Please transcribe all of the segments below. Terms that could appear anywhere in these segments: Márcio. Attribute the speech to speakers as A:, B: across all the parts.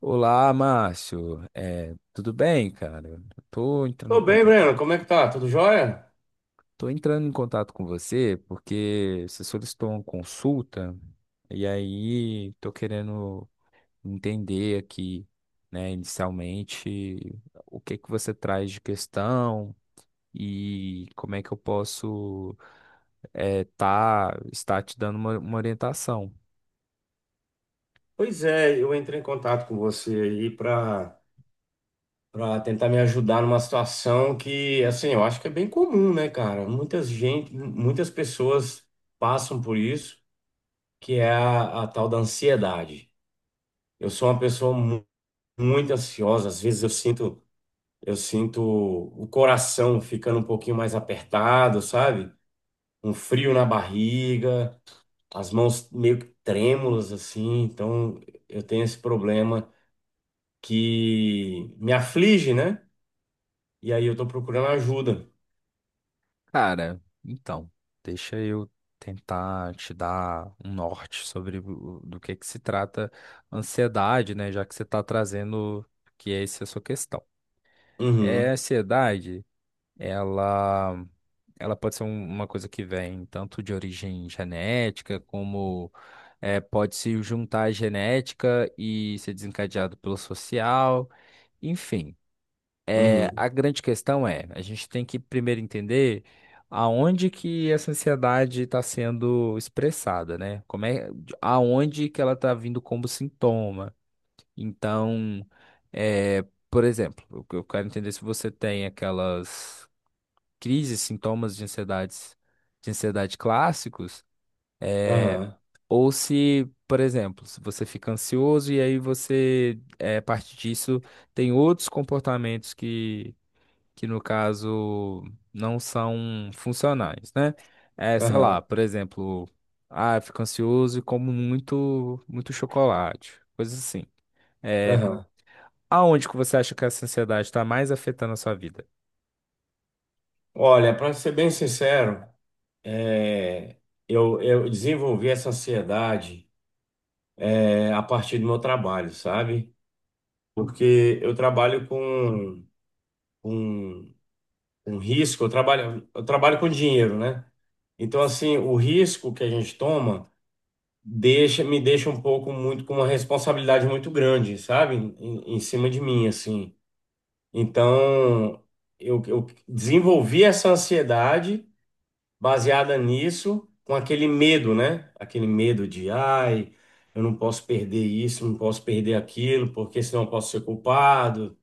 A: Olá, Márcio. Tudo bem, cara? Tô entrando em
B: Tô bem,
A: contato,
B: Breno. Como é que tá? Tudo jóia?
A: Tô entrando em contato com você porque você solicitou uma consulta e aí tô querendo entender aqui, né, inicialmente, o que que você traz de questão e como é que eu posso estar te dando uma orientação.
B: Pois é, eu entrei em contato com você aí para tentar me ajudar numa situação que, assim, eu acho que é bem comum, né, cara? Muitas gente, muitas pessoas passam por isso, que é a tal da ansiedade. Eu sou uma pessoa muito ansiosa, às vezes eu sinto o coração ficando um pouquinho mais apertado, sabe? Um frio na barriga. As mãos meio que trêmulas assim, então eu tenho esse problema que me aflige, né? E aí eu tô procurando ajuda.
A: Cara, então, deixa eu tentar te dar um norte sobre do que se trata a ansiedade, né? Já que você está trazendo que essa é essa a sua questão. A
B: Uhum,
A: ansiedade, ela, ela pode ser uma coisa que vem tanto de origem genética, como pode se juntar à genética e ser desencadeado pelo social, enfim. É,
B: uhum,
A: a grande questão é, a gente tem que primeiro entender aonde que essa ansiedade está sendo expressada, né? Como é, aonde que ela está vindo como sintoma. Então, é, por exemplo, eu quero entender é se você tem aquelas crises, de ansiedade clássicos, é,
B: aham,
A: ou se, por exemplo, se você fica ansioso e aí você, é, a partir disso, tem outros comportamentos que no caso não são funcionais, né? É, sei
B: aham,
A: lá, por exemplo, ah, eu fico ansioso e como muito, muito chocolate, coisas assim. É,
B: aham.
A: aonde que você acha que essa ansiedade está mais afetando a sua vida?
B: Olha, para ser bem sincero, é, eu desenvolvi essa ansiedade a partir do meu trabalho, sabe? Porque eu trabalho com, com risco, eu trabalho com dinheiro, né? Então, assim, o risco que a gente toma me deixa um pouco muito com uma responsabilidade muito grande, sabe? Em cima de mim, assim. Então, eu desenvolvi essa ansiedade baseada nisso, com aquele medo, né? Aquele medo de, ai, eu não posso perder isso, não posso perder aquilo, porque senão eu posso ser culpado.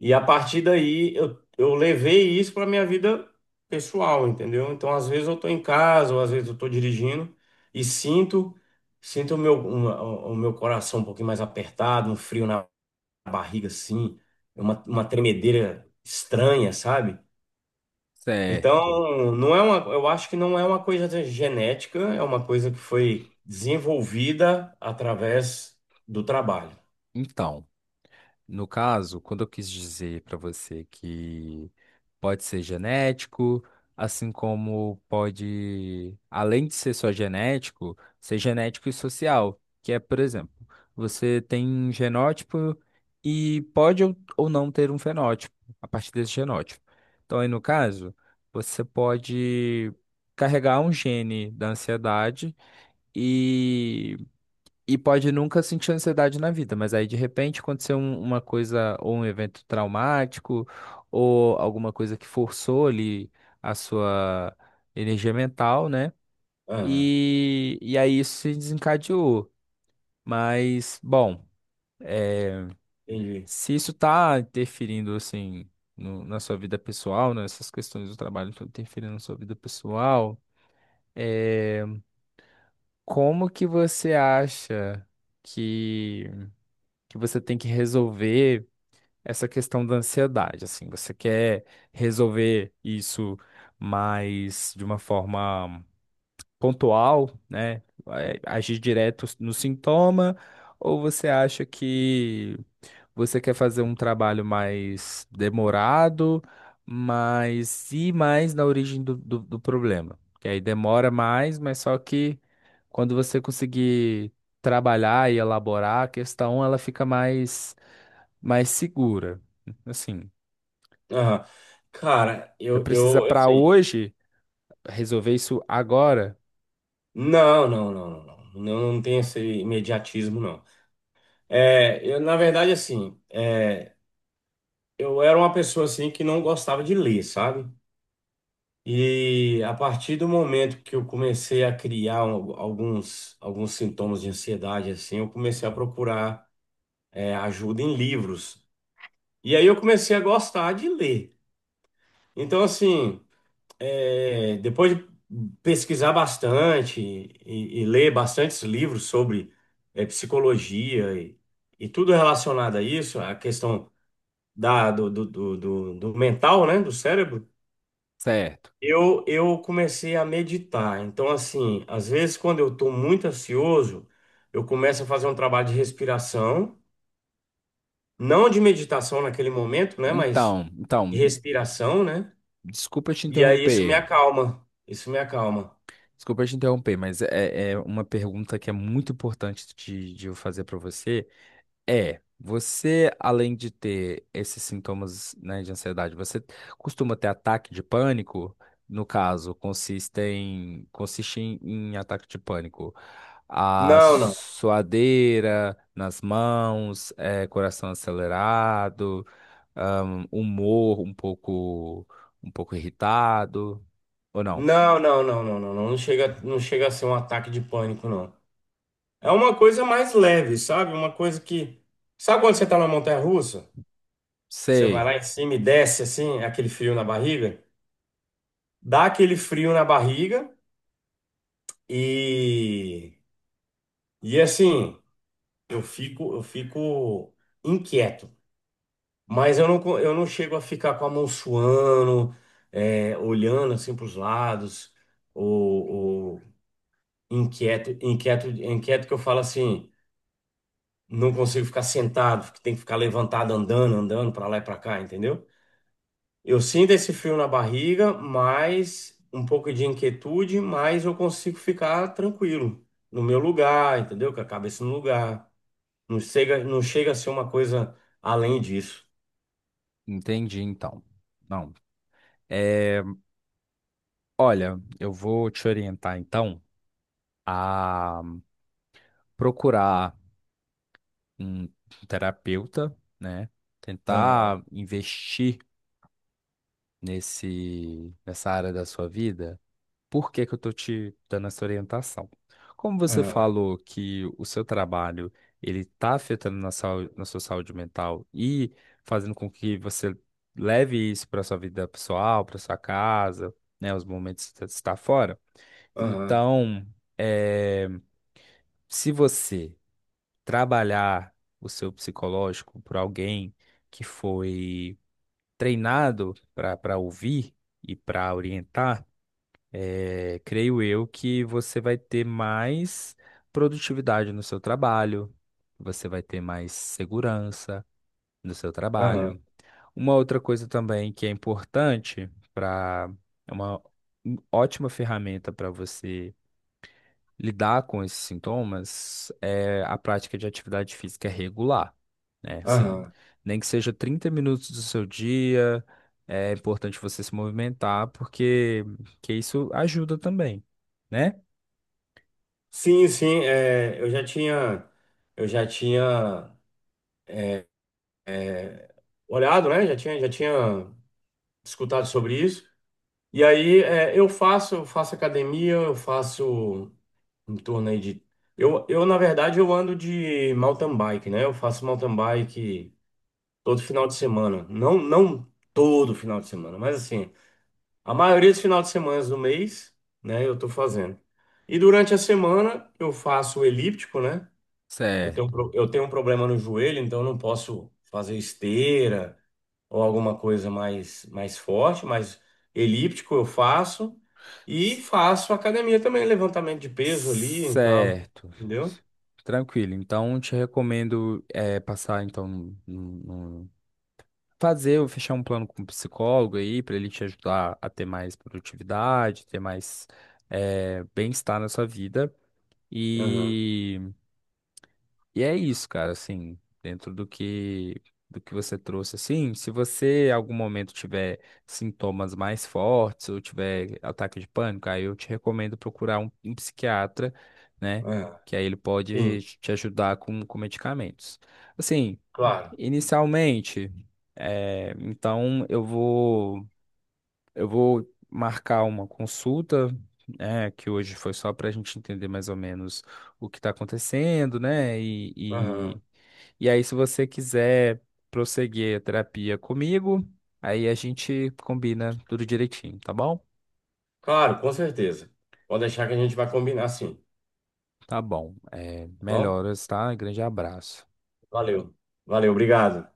B: E a partir daí eu levei isso para minha vida pessoal, entendeu? Então, às vezes eu tô em casa, ou às vezes eu tô dirigindo e sinto o meu, o meu coração um pouquinho mais apertado, um frio na barriga assim, uma tremedeira estranha, sabe?
A: Certo.
B: Então, não é uma, eu acho que não é uma coisa genética, é uma coisa que foi desenvolvida através do trabalho.
A: Então. No caso, quando eu quis dizer para você que pode ser genético, assim como pode, além de ser só genético, ser genético e social, que é, por exemplo, você tem um genótipo e pode ou não ter um fenótipo a partir desse genótipo. Então, aí no caso, você pode carregar um gene da ansiedade e e pode nunca sentir ansiedade na vida, mas aí de repente aconteceu uma coisa, ou um evento traumático, ou alguma coisa que forçou ali a sua energia mental, né?
B: Aham,
A: E aí isso se desencadeou. Mas, bom, é,
B: entendi.
A: se isso tá interferindo, assim, na sua vida pessoal, né? Essas questões do trabalho estão interferindo na sua vida pessoal, é, como que você acha que que você tem que resolver? Essa questão da ansiedade, assim, você quer resolver isso mais de uma forma pontual, né? É, agir direto no sintoma, ou você acha que você quer fazer um trabalho mais demorado, mas ir mais na origem do problema? Que aí demora mais, mas só que quando você conseguir trabalhar e elaborar a questão, ela fica mais, mais segura. Assim,
B: Aham. Cara,
A: você
B: eu,
A: precisa
B: eu
A: para
B: assim,
A: hoje resolver isso agora.
B: não, não, não, não, não. Não, não tem esse imediatismo, não. Eu, na verdade, assim, eu era uma pessoa assim que não gostava de ler, sabe? E a partir do momento que eu comecei a criar alguns sintomas de ansiedade, assim, eu comecei a procurar, ajuda em livros. E aí eu comecei a gostar de ler. Então, assim, depois de pesquisar bastante e ler bastantes livros sobre psicologia e tudo relacionado a isso, a questão da, do, do, do, do- do mental, né, do cérebro,
A: Certo.
B: eu comecei a meditar. Então, assim, às vezes quando eu estou muito ansioso, eu começo a fazer um trabalho de respiração, não de meditação naquele momento, né, mas
A: Então,
B: de
A: então,
B: respiração, né?
A: desculpa te
B: E aí
A: interromper.
B: isso me acalma.
A: Desculpa te interromper, mas é uma pergunta que é muito importante de eu fazer para você. É, você, além de ter esses sintomas, né, de ansiedade, você costuma ter ataque de pânico? No caso, consiste em, em ataque de pânico. A
B: Não, não.
A: suadeira nas mãos, eh, coração acelerado, ahn, humor um pouco, um pouco irritado, ou não?
B: Não, não, não, não, não, não, não chega a ser um ataque de pânico, não. É uma coisa mais leve, sabe? Uma coisa que. Sabe quando você tá na montanha-russa? Você vai
A: Sei,
B: lá em cima e desce assim, aquele frio na barriga? Dá aquele frio na barriga e. E assim, eu fico inquieto. Mas eu não, eu não chego a ficar com a mão suando, olhando assim para os lados, ou, ou inquieto, inquieto, inquieto que eu falo assim. Não consigo ficar sentado, tem que ficar levantado, andando, andando para lá e para cá, entendeu? Eu sinto esse frio na barriga, mas um pouco de inquietude, mas eu consigo ficar tranquilo no meu lugar, entendeu? Com a cabeça no lugar. Não chega a ser uma coisa além disso.
A: entendi então. Não. É, olha, eu vou te orientar então a procurar um terapeuta, né?
B: Aham,
A: Tentar investir nessa área da sua vida. Por que que eu tô te dando essa orientação? Como você
B: aham,
A: falou que o seu trabalho ele está afetando na, saúde, na sua saúde mental e fazendo com que você leve isso para sua vida pessoal, para sua casa, né? Os momentos que você está fora.
B: aham,
A: Então, é, se você trabalhar o seu psicológico por alguém que foi treinado para ouvir e para orientar, é, creio eu que você vai ter mais produtividade no seu trabalho, você vai ter mais segurança no seu
B: aham,
A: trabalho. Uma outra coisa também que é importante para é uma ótima ferramenta para você lidar com esses sintomas é a prática de atividade física é regular, né? Assim,
B: aham.
A: nem que seja 30 minutos do seu dia, é importante você se movimentar, porque que isso ajuda também, né?
B: Sim, sim, eu já tinha olhado, né? Já tinha escutado sobre isso. E aí, eu faço academia, eu faço em torno aí de. Na verdade, eu ando de mountain bike, né? Eu faço mountain bike todo final de semana. Não, não todo final de semana, mas assim, a maioria dos finais de semana do mês, né, eu tô fazendo. E durante a semana eu faço o elíptico, né?
A: Certo.
B: Eu tenho um problema no joelho, então eu não posso fazer esteira ou alguma coisa mais, mais forte, mas elíptico eu faço e
A: C-
B: faço academia também, levantamento de peso ali e tal,
A: Certo.
B: entendeu?
A: Tranquilo. Então, te recomendo é, passar então num, fazer ou fechar um plano com um psicólogo aí, para ele te ajudar a ter mais produtividade, ter mais eh, bem-estar na sua vida.
B: Aham,
A: E, e é isso, cara, assim, dentro do que você trouxe, assim, se você em algum momento tiver sintomas mais fortes ou tiver ataque de pânico, aí eu te recomendo procurar um psiquiatra, né?
B: aham.
A: Que aí ele
B: Sim,
A: pode te ajudar com medicamentos. Assim,
B: claro.
A: inicialmente, é, então eu vou marcar uma consulta, né, que hoje foi só para a gente entender mais ou menos o que está acontecendo, né?
B: Aham.
A: E aí, se você quiser prosseguir a terapia comigo, aí a gente combina tudo direitinho, tá bom?
B: Claro, com certeza. Pode deixar que a gente vai combinar sim, tá
A: Tá bom. É,
B: bom?
A: melhoras, tá? Grande abraço.
B: Valeu. Valeu, obrigado.